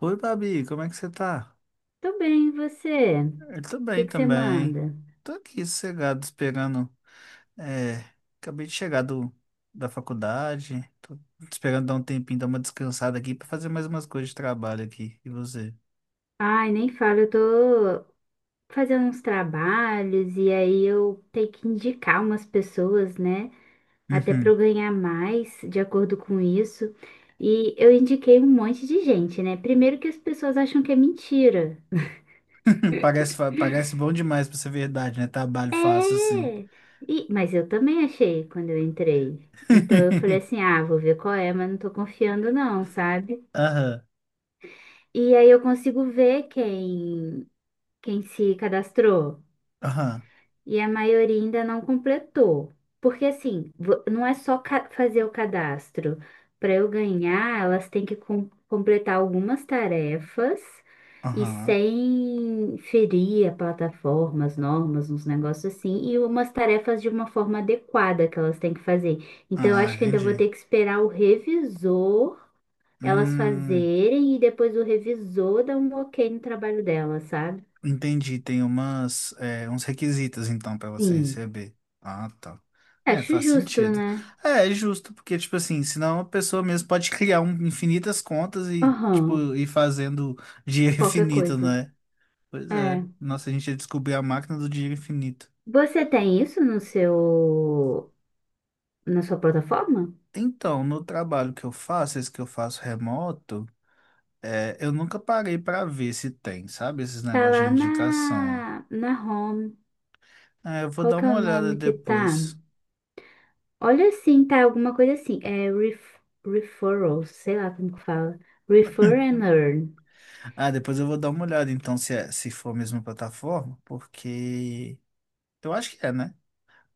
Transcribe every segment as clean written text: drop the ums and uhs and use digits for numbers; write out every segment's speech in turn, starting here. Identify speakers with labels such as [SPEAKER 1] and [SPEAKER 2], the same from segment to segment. [SPEAKER 1] Oi, Babi, como é que você tá?
[SPEAKER 2] Tô bem, e você? O
[SPEAKER 1] Eu tô
[SPEAKER 2] que
[SPEAKER 1] bem
[SPEAKER 2] que você
[SPEAKER 1] também.
[SPEAKER 2] manda?
[SPEAKER 1] Tô aqui sossegado, esperando. É, acabei de chegar da faculdade. Tô esperando dar um tempinho, dar uma descansada aqui pra fazer mais umas coisas de trabalho aqui. E você?
[SPEAKER 2] Ai, nem falo, eu tô fazendo uns trabalhos e aí eu tenho que indicar umas pessoas, né? Até para eu
[SPEAKER 1] Uhum.
[SPEAKER 2] ganhar mais de acordo com isso. E eu indiquei um monte de gente, né? Primeiro que as pessoas acham que é mentira.
[SPEAKER 1] Parece, parece bom demais pra ser verdade, né? Trabalho fácil assim.
[SPEAKER 2] É! E, mas eu também achei quando eu entrei. Então eu falei assim: ah, vou ver qual é, mas não tô confiando, não, sabe?
[SPEAKER 1] Aham,
[SPEAKER 2] E aí eu consigo ver quem. Quem se cadastrou
[SPEAKER 1] aham,
[SPEAKER 2] e a maioria ainda não completou. Porque assim, não é só fazer o cadastro. Para eu ganhar, elas têm que completar algumas tarefas e
[SPEAKER 1] aham.
[SPEAKER 2] sem ferir a plataforma, as normas, uns negócios assim, e umas tarefas de uma forma adequada que elas têm que fazer. Então, eu
[SPEAKER 1] Ah,
[SPEAKER 2] acho que ainda vou
[SPEAKER 1] entendi.
[SPEAKER 2] ter que esperar o revisor elas
[SPEAKER 1] Hum.
[SPEAKER 2] fazerem e depois o revisor dar um ok no trabalho delas, sabe?
[SPEAKER 1] Entendi, tem umas, uns requisitos então pra você
[SPEAKER 2] Sim.
[SPEAKER 1] receber. Ah, tá. É,
[SPEAKER 2] Acho
[SPEAKER 1] faz
[SPEAKER 2] justo,
[SPEAKER 1] sentido.
[SPEAKER 2] né?
[SPEAKER 1] É justo, porque, tipo assim, senão a pessoa mesmo pode criar infinitas contas e,
[SPEAKER 2] Aham,
[SPEAKER 1] tipo, ir fazendo dinheiro
[SPEAKER 2] qualquer
[SPEAKER 1] infinito,
[SPEAKER 2] coisa.
[SPEAKER 1] né? Pois
[SPEAKER 2] É.
[SPEAKER 1] é. Nossa, a gente ia descobrir a máquina do dinheiro infinito.
[SPEAKER 2] Você tem isso no seu, na sua plataforma?
[SPEAKER 1] Então, no trabalho que eu faço, esse que eu faço remoto, eu nunca parei pra ver se tem, sabe? Esses
[SPEAKER 2] Tá
[SPEAKER 1] negócios de
[SPEAKER 2] lá
[SPEAKER 1] indicação.
[SPEAKER 2] na, na home.
[SPEAKER 1] É, eu vou
[SPEAKER 2] Qual
[SPEAKER 1] dar
[SPEAKER 2] que é
[SPEAKER 1] uma
[SPEAKER 2] o
[SPEAKER 1] olhada
[SPEAKER 2] nome que tá?
[SPEAKER 1] depois.
[SPEAKER 2] Olha assim, tá alguma coisa assim. É referrals, sei lá como que fala. Refer and earn.
[SPEAKER 1] Ah, depois eu vou dar uma olhada então se, se for a mesma plataforma, porque eu acho que é, né?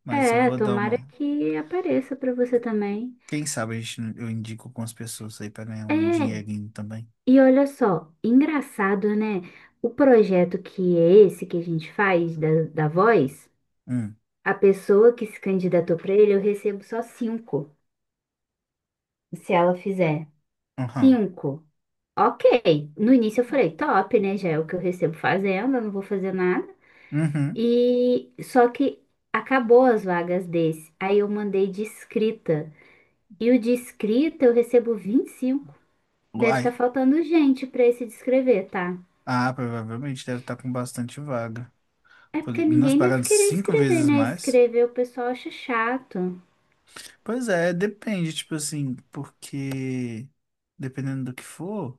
[SPEAKER 1] Mas eu
[SPEAKER 2] É,
[SPEAKER 1] vou dar uma.
[SPEAKER 2] tomara que apareça pra você também.
[SPEAKER 1] Quem sabe a gente, eu indico algumas pessoas aí pra ganhar
[SPEAKER 2] É.
[SPEAKER 1] um dinheirinho também.
[SPEAKER 2] E olha só, engraçado, né? O projeto que é esse que a gente faz da, da voz.
[SPEAKER 1] Hum,
[SPEAKER 2] A pessoa que se candidatou para ele, eu recebo só cinco. Se ela fizer
[SPEAKER 1] aham,
[SPEAKER 2] cinco, ok. No início eu falei, top, né? Já é o que eu recebo fazendo, eu não vou fazer nada.
[SPEAKER 1] uhum.
[SPEAKER 2] E só que acabou as vagas desse. Aí eu mandei de escrita. E o de escrita eu recebo 25. Deve estar
[SPEAKER 1] Uai.
[SPEAKER 2] faltando gente para esse de escrever, tá?
[SPEAKER 1] Ah, provavelmente deve estar com bastante vaga.
[SPEAKER 2] É
[SPEAKER 1] Porque
[SPEAKER 2] porque
[SPEAKER 1] nós
[SPEAKER 2] ninguém deve
[SPEAKER 1] pagamos
[SPEAKER 2] querer
[SPEAKER 1] cinco
[SPEAKER 2] escrever,
[SPEAKER 1] vezes
[SPEAKER 2] né?
[SPEAKER 1] mais.
[SPEAKER 2] Escrever o pessoal acha chato.
[SPEAKER 1] Pois é, depende, tipo assim, porque dependendo do que for,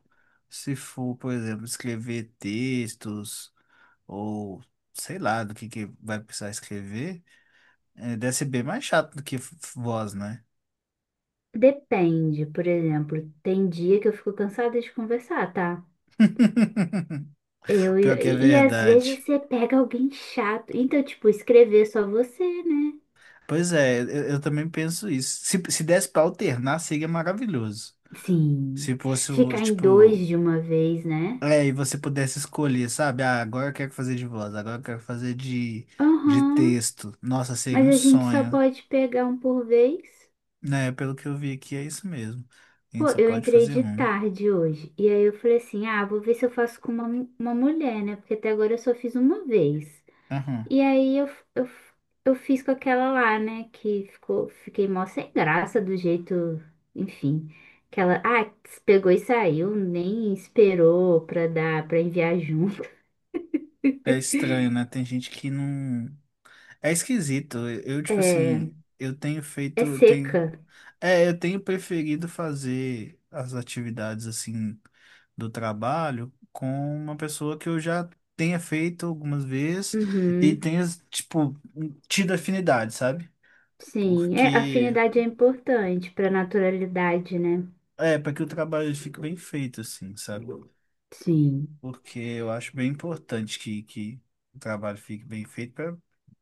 [SPEAKER 1] se for, por exemplo, escrever textos, ou sei lá do que vai precisar escrever, é, deve ser bem mais chato do que voz, né?
[SPEAKER 2] Depende, por exemplo, tem dia que eu fico cansada de conversar, tá?
[SPEAKER 1] Pior que é
[SPEAKER 2] E às vezes
[SPEAKER 1] verdade.
[SPEAKER 2] você pega alguém chato. Então, tipo, escrever só você, né?
[SPEAKER 1] Pois é, eu também penso isso. Se desse pra alternar, seria maravilhoso.
[SPEAKER 2] Sim.
[SPEAKER 1] Se fosse, o,
[SPEAKER 2] Ficar em dois
[SPEAKER 1] tipo,
[SPEAKER 2] de uma vez, né?
[SPEAKER 1] é, e você pudesse escolher, sabe? Ah, agora eu quero fazer de voz, agora eu quero fazer de
[SPEAKER 2] Aham.
[SPEAKER 1] texto. Nossa, seria
[SPEAKER 2] Mas
[SPEAKER 1] um
[SPEAKER 2] a gente só
[SPEAKER 1] sonho.
[SPEAKER 2] pode pegar um por vez.
[SPEAKER 1] Né, pelo que eu vi aqui, é isso mesmo. A
[SPEAKER 2] Pô,
[SPEAKER 1] gente só
[SPEAKER 2] eu
[SPEAKER 1] pode
[SPEAKER 2] entrei
[SPEAKER 1] fazer
[SPEAKER 2] de
[SPEAKER 1] um.
[SPEAKER 2] tarde hoje. E aí eu falei assim: ah, vou ver se eu faço com uma mulher, né? Porque até agora eu só fiz uma vez.
[SPEAKER 1] Aham.
[SPEAKER 2] E aí eu, eu fiz com aquela lá, né? Que ficou, fiquei mó sem graça do jeito, enfim. Que ela, pegou e saiu, nem esperou pra dar, pra enviar junto.
[SPEAKER 1] É estranho, né? Tem gente que não. É esquisito. Eu, tipo
[SPEAKER 2] É,
[SPEAKER 1] assim, eu tenho
[SPEAKER 2] é
[SPEAKER 1] feito.
[SPEAKER 2] seca.
[SPEAKER 1] É, eu tenho preferido fazer as atividades assim do trabalho com uma pessoa que eu já tenha feito algumas vezes e
[SPEAKER 2] Uhum,
[SPEAKER 1] tenha, tipo, tido afinidade, sabe?
[SPEAKER 2] sim,
[SPEAKER 1] Porque.
[SPEAKER 2] afinidade é importante pra naturalidade, né?
[SPEAKER 1] É, para que o trabalho fique bem feito, assim, sabe?
[SPEAKER 2] Sim.
[SPEAKER 1] Porque eu acho bem importante que o trabalho fique bem feito para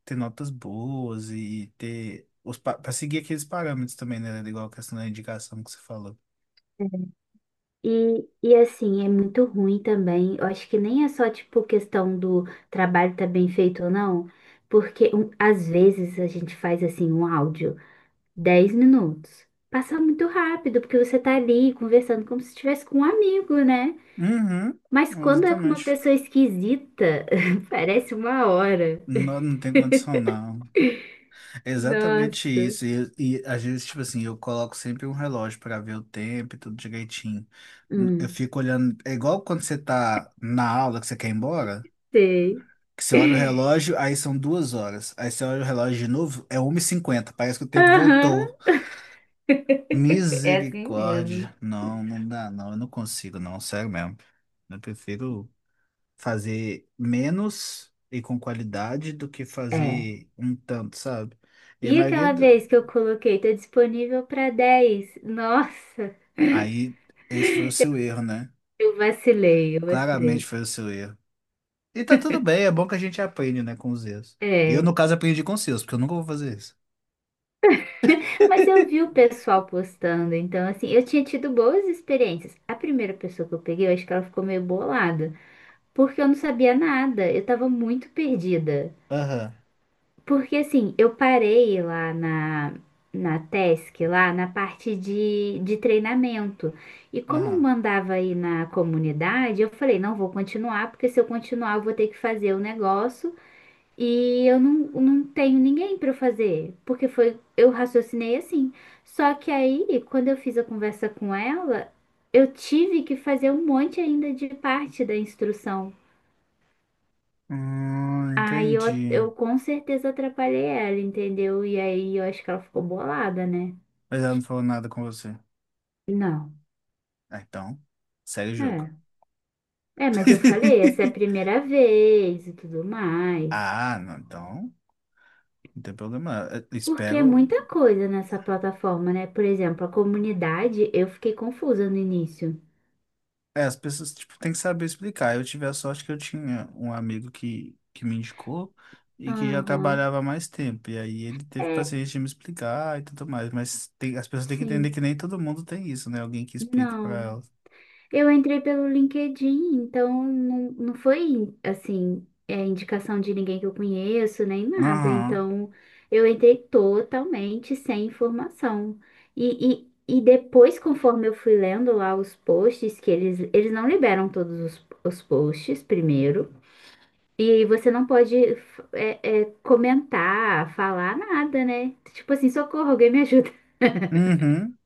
[SPEAKER 1] ter notas boas e ter os para seguir aqueles parâmetros também, né? Igual a questão da indicação que você falou.
[SPEAKER 2] E assim, é muito ruim também. Eu acho que nem é só, tipo, questão do trabalho tá bem feito ou não, porque às vezes a gente faz, assim, um áudio, 10 minutos. Passa muito rápido, porque você tá ali conversando como se estivesse com um amigo, né?
[SPEAKER 1] Uhum,
[SPEAKER 2] Mas quando é com uma
[SPEAKER 1] exatamente.
[SPEAKER 2] pessoa esquisita, parece uma hora.
[SPEAKER 1] Não, não tem condição, não. É exatamente
[SPEAKER 2] Nossa.
[SPEAKER 1] isso. E às vezes, tipo assim, eu coloco sempre um relógio para ver o tempo e tudo direitinho. Eu
[SPEAKER 2] Hum,
[SPEAKER 1] fico olhando. É igual quando você tá na aula que você quer ir embora.
[SPEAKER 2] Sei.
[SPEAKER 1] Que você olha o relógio, aí são duas horas. Aí você olha o relógio de novo, é 1 e cinquenta. Parece que o tempo
[SPEAKER 2] Aham.
[SPEAKER 1] voltou.
[SPEAKER 2] É assim mesmo.
[SPEAKER 1] Misericórdia. Não, não dá, não. Eu não consigo, não. Sério mesmo. Eu prefiro fazer menos e com qualidade do que
[SPEAKER 2] É.
[SPEAKER 1] fazer um tanto, sabe? E a
[SPEAKER 2] E
[SPEAKER 1] maioria.
[SPEAKER 2] aquela
[SPEAKER 1] do-
[SPEAKER 2] vez que eu coloquei, tá disponível para 10. Nossa,
[SPEAKER 1] Aí, esse foi o seu erro, né?
[SPEAKER 2] eu vacilei, eu
[SPEAKER 1] Claramente
[SPEAKER 2] vacilei.
[SPEAKER 1] foi o seu erro. E tá tudo bem, é bom que a gente aprende, né, com os erros. Eu,
[SPEAKER 2] É,
[SPEAKER 1] no caso, aprendi com os seus, porque eu nunca vou fazer isso.
[SPEAKER 2] mas eu vi o pessoal postando, então assim, eu tinha tido boas experiências. A primeira pessoa que eu peguei, eu acho que ela ficou meio bolada, porque eu não sabia nada, eu tava muito perdida.
[SPEAKER 1] Aham,
[SPEAKER 2] Porque assim, eu parei lá na, na TESC, lá na parte de treinamento. E como
[SPEAKER 1] aham.
[SPEAKER 2] mandava aí na comunidade, eu falei, não vou continuar, porque se eu continuar, eu vou ter que fazer o negócio e eu não, não tenho ninguém para fazer. Porque foi, eu raciocinei assim. Só que aí, quando eu fiz a conversa com ela, eu tive que fazer um monte ainda de parte da instrução. Aí eu,
[SPEAKER 1] Entendi.
[SPEAKER 2] eu com certeza atrapalhei ela, entendeu? E aí eu acho que ela ficou bolada, né?
[SPEAKER 1] Mas ela não falou nada com você.
[SPEAKER 2] Não.
[SPEAKER 1] Ah, então, segue o jogo.
[SPEAKER 2] É. É, mas eu falei, essa é a primeira vez e tudo mais.
[SPEAKER 1] Ah, não, então, não tem problema. Eu
[SPEAKER 2] Porque é
[SPEAKER 1] espero.
[SPEAKER 2] muita coisa nessa plataforma, né? Por exemplo, a comunidade, eu fiquei confusa no início.
[SPEAKER 1] É, as pessoas, tipo, têm que saber explicar. Eu tive a sorte que eu tinha um amigo que me indicou e que já
[SPEAKER 2] Aham.
[SPEAKER 1] trabalhava há mais tempo. E aí ele teve
[SPEAKER 2] É,
[SPEAKER 1] paciência de me explicar e tudo mais. Mas tem, as pessoas têm que entender
[SPEAKER 2] sim.
[SPEAKER 1] que nem todo mundo tem isso, né? Alguém que explique pra
[SPEAKER 2] Não.
[SPEAKER 1] elas.
[SPEAKER 2] Eu entrei pelo LinkedIn, então não, não foi assim, indicação de ninguém que eu conheço, nem nada.
[SPEAKER 1] Aham.
[SPEAKER 2] Então eu entrei totalmente sem informação. E, e depois, conforme eu fui lendo lá os posts, que eles não liberam todos os posts primeiro. E você não pode comentar, falar nada, né? Tipo assim, socorro, alguém me ajuda.
[SPEAKER 1] Uhum.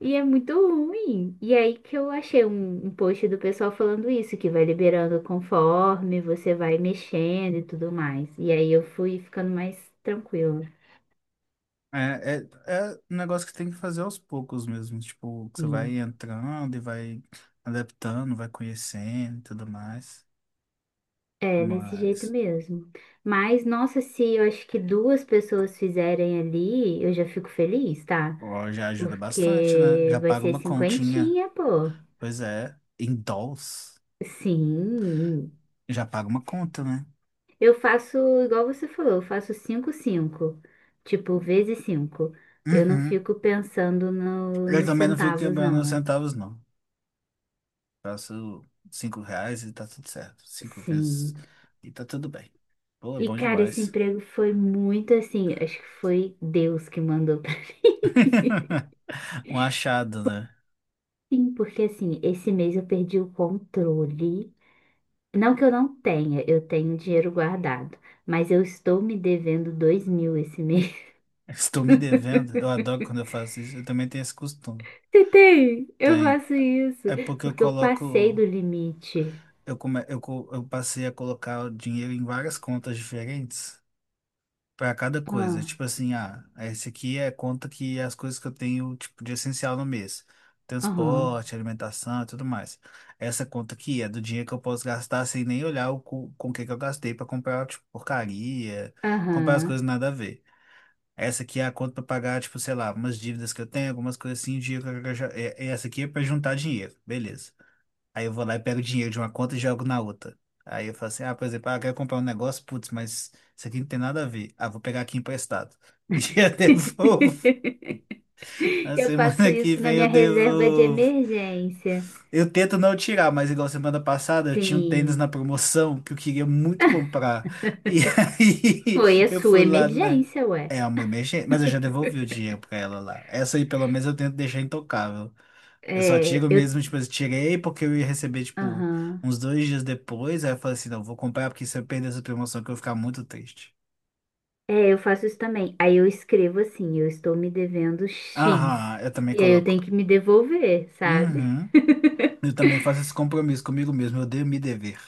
[SPEAKER 2] E é muito ruim. E aí que eu achei um post do pessoal falando isso, que vai liberando conforme você vai mexendo e tudo mais. E aí eu fui ficando mais tranquila.
[SPEAKER 1] É um negócio que tem que fazer aos poucos mesmo. Tipo, que você
[SPEAKER 2] Sim.
[SPEAKER 1] vai entrando e vai adaptando, vai conhecendo e tudo mais.
[SPEAKER 2] É, desse jeito
[SPEAKER 1] Mas,
[SPEAKER 2] mesmo. Mas, nossa, se eu acho que duas pessoas fizerem ali, eu já fico feliz, tá?
[SPEAKER 1] ó, já ajuda bastante, né?
[SPEAKER 2] Porque
[SPEAKER 1] Já
[SPEAKER 2] vai
[SPEAKER 1] paga
[SPEAKER 2] ser
[SPEAKER 1] uma continha.
[SPEAKER 2] cinquentinha, pô.
[SPEAKER 1] Pois é, em dólares.
[SPEAKER 2] Sim,
[SPEAKER 1] Já paga uma conta, né?
[SPEAKER 2] eu faço igual você falou, eu faço 5 5, tipo, vezes 5. Eu não
[SPEAKER 1] Uhum.
[SPEAKER 2] fico pensando
[SPEAKER 1] Eu
[SPEAKER 2] nos
[SPEAKER 1] também não fico
[SPEAKER 2] centavos,
[SPEAKER 1] quebrando os
[SPEAKER 2] não.
[SPEAKER 1] centavos, não. Faço cinco reais e tá tudo certo. Cinco vezes
[SPEAKER 2] Sim.
[SPEAKER 1] e tá tudo bem. Pô, é
[SPEAKER 2] E,
[SPEAKER 1] bom
[SPEAKER 2] cara, esse
[SPEAKER 1] demais.
[SPEAKER 2] emprego foi muito assim, acho que foi Deus que mandou pra
[SPEAKER 1] Um achado, né?
[SPEAKER 2] mim, porque assim, esse mês eu perdi o controle. Não que eu não tenha, eu tenho dinheiro guardado, mas eu estou me devendo 2.000 esse mês.
[SPEAKER 1] Estou me devendo. Eu adoro quando eu faço isso. Eu também tenho esse costume.
[SPEAKER 2] Você tem? Eu
[SPEAKER 1] Tem.
[SPEAKER 2] faço isso,
[SPEAKER 1] É porque eu
[SPEAKER 2] porque eu passei
[SPEAKER 1] coloco.
[SPEAKER 2] do limite.
[SPEAKER 1] Eu, come, eu, co- eu passei a colocar o dinheiro em várias contas diferentes para cada coisa.
[SPEAKER 2] Ah,
[SPEAKER 1] Tipo assim, ah, esse aqui é conta que é as coisas que eu tenho, tipo, de essencial no mês.
[SPEAKER 2] aham.
[SPEAKER 1] Transporte, alimentação e tudo mais. Essa conta aqui é do dinheiro que eu posso gastar sem nem olhar com o que que eu gastei para comprar, tipo, porcaria, comprar as coisas
[SPEAKER 2] Aham.
[SPEAKER 1] nada a ver. Essa aqui é a conta para pagar, tipo, sei lá, umas dívidas que eu tenho, algumas coisas assim, dinheiro que eu já... é Essa aqui é para juntar dinheiro, beleza. Aí eu vou lá e pego dinheiro de uma conta e jogo na outra. Aí eu falo assim, ah, por exemplo, ah, eu quero comprar um negócio, putz, mas isso aqui não tem nada a ver. Ah, vou pegar aqui emprestado. E eu devolvo. Na
[SPEAKER 2] Eu faço
[SPEAKER 1] semana que
[SPEAKER 2] isso na
[SPEAKER 1] vem eu
[SPEAKER 2] minha reserva de
[SPEAKER 1] devolvo.
[SPEAKER 2] emergência.
[SPEAKER 1] Eu tento não tirar, mas igual semana passada eu tinha um tênis na
[SPEAKER 2] Sim,
[SPEAKER 1] promoção que eu queria muito comprar. E aí
[SPEAKER 2] foi a
[SPEAKER 1] eu
[SPEAKER 2] sua
[SPEAKER 1] fui lá na.
[SPEAKER 2] emergência, ué.
[SPEAKER 1] É uma emergência, mas eu já devolvi o dinheiro pra ela lá. Essa aí pelo menos eu tento deixar intocável. Eu só
[SPEAKER 2] É,
[SPEAKER 1] tiro
[SPEAKER 2] eu,
[SPEAKER 1] mesmo, tipo, eu tirei porque eu ia receber, tipo,
[SPEAKER 2] aham.
[SPEAKER 1] uns dois dias depois. Aí eu falei assim: não, vou comprar porque se eu perder essa promoção que eu vou ficar muito triste.
[SPEAKER 2] É, eu faço isso também. Aí eu escrevo assim, eu estou me devendo X.
[SPEAKER 1] Aham, eu também
[SPEAKER 2] E aí eu tenho
[SPEAKER 1] coloco.
[SPEAKER 2] que me devolver, sabe?
[SPEAKER 1] Uhum. Eu também faço esse compromisso comigo mesmo. Eu odeio me dever.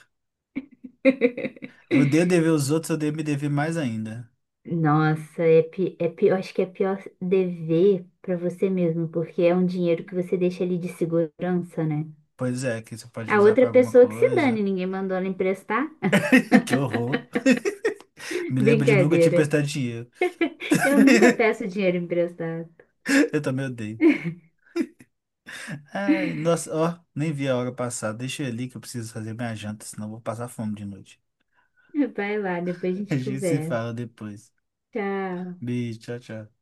[SPEAKER 1] Eu odeio dever os outros, eu odeio me dever mais ainda.
[SPEAKER 2] Nossa, é pior, acho que é pior dever pra você mesmo, porque é um dinheiro que você deixa ali de segurança, né?
[SPEAKER 1] Pois é, que você pode
[SPEAKER 2] A
[SPEAKER 1] usar
[SPEAKER 2] outra
[SPEAKER 1] pra alguma
[SPEAKER 2] pessoa que se dane,
[SPEAKER 1] coisa.
[SPEAKER 2] ninguém mandou ela emprestar.
[SPEAKER 1] Que horror. Me lembro de nunca te
[SPEAKER 2] Brincadeira.
[SPEAKER 1] emprestar dinheiro.
[SPEAKER 2] Eu nunca peço dinheiro emprestado.
[SPEAKER 1] Eu também odeio. Ai, nossa, ó, nem vi a hora passar. Deixa eu ir ali que eu preciso fazer minha janta, senão eu vou passar fome de noite.
[SPEAKER 2] Vai lá, depois a
[SPEAKER 1] A
[SPEAKER 2] gente
[SPEAKER 1] gente se
[SPEAKER 2] conversa.
[SPEAKER 1] fala depois.
[SPEAKER 2] Tchau.
[SPEAKER 1] Beijo, tchau, tchau.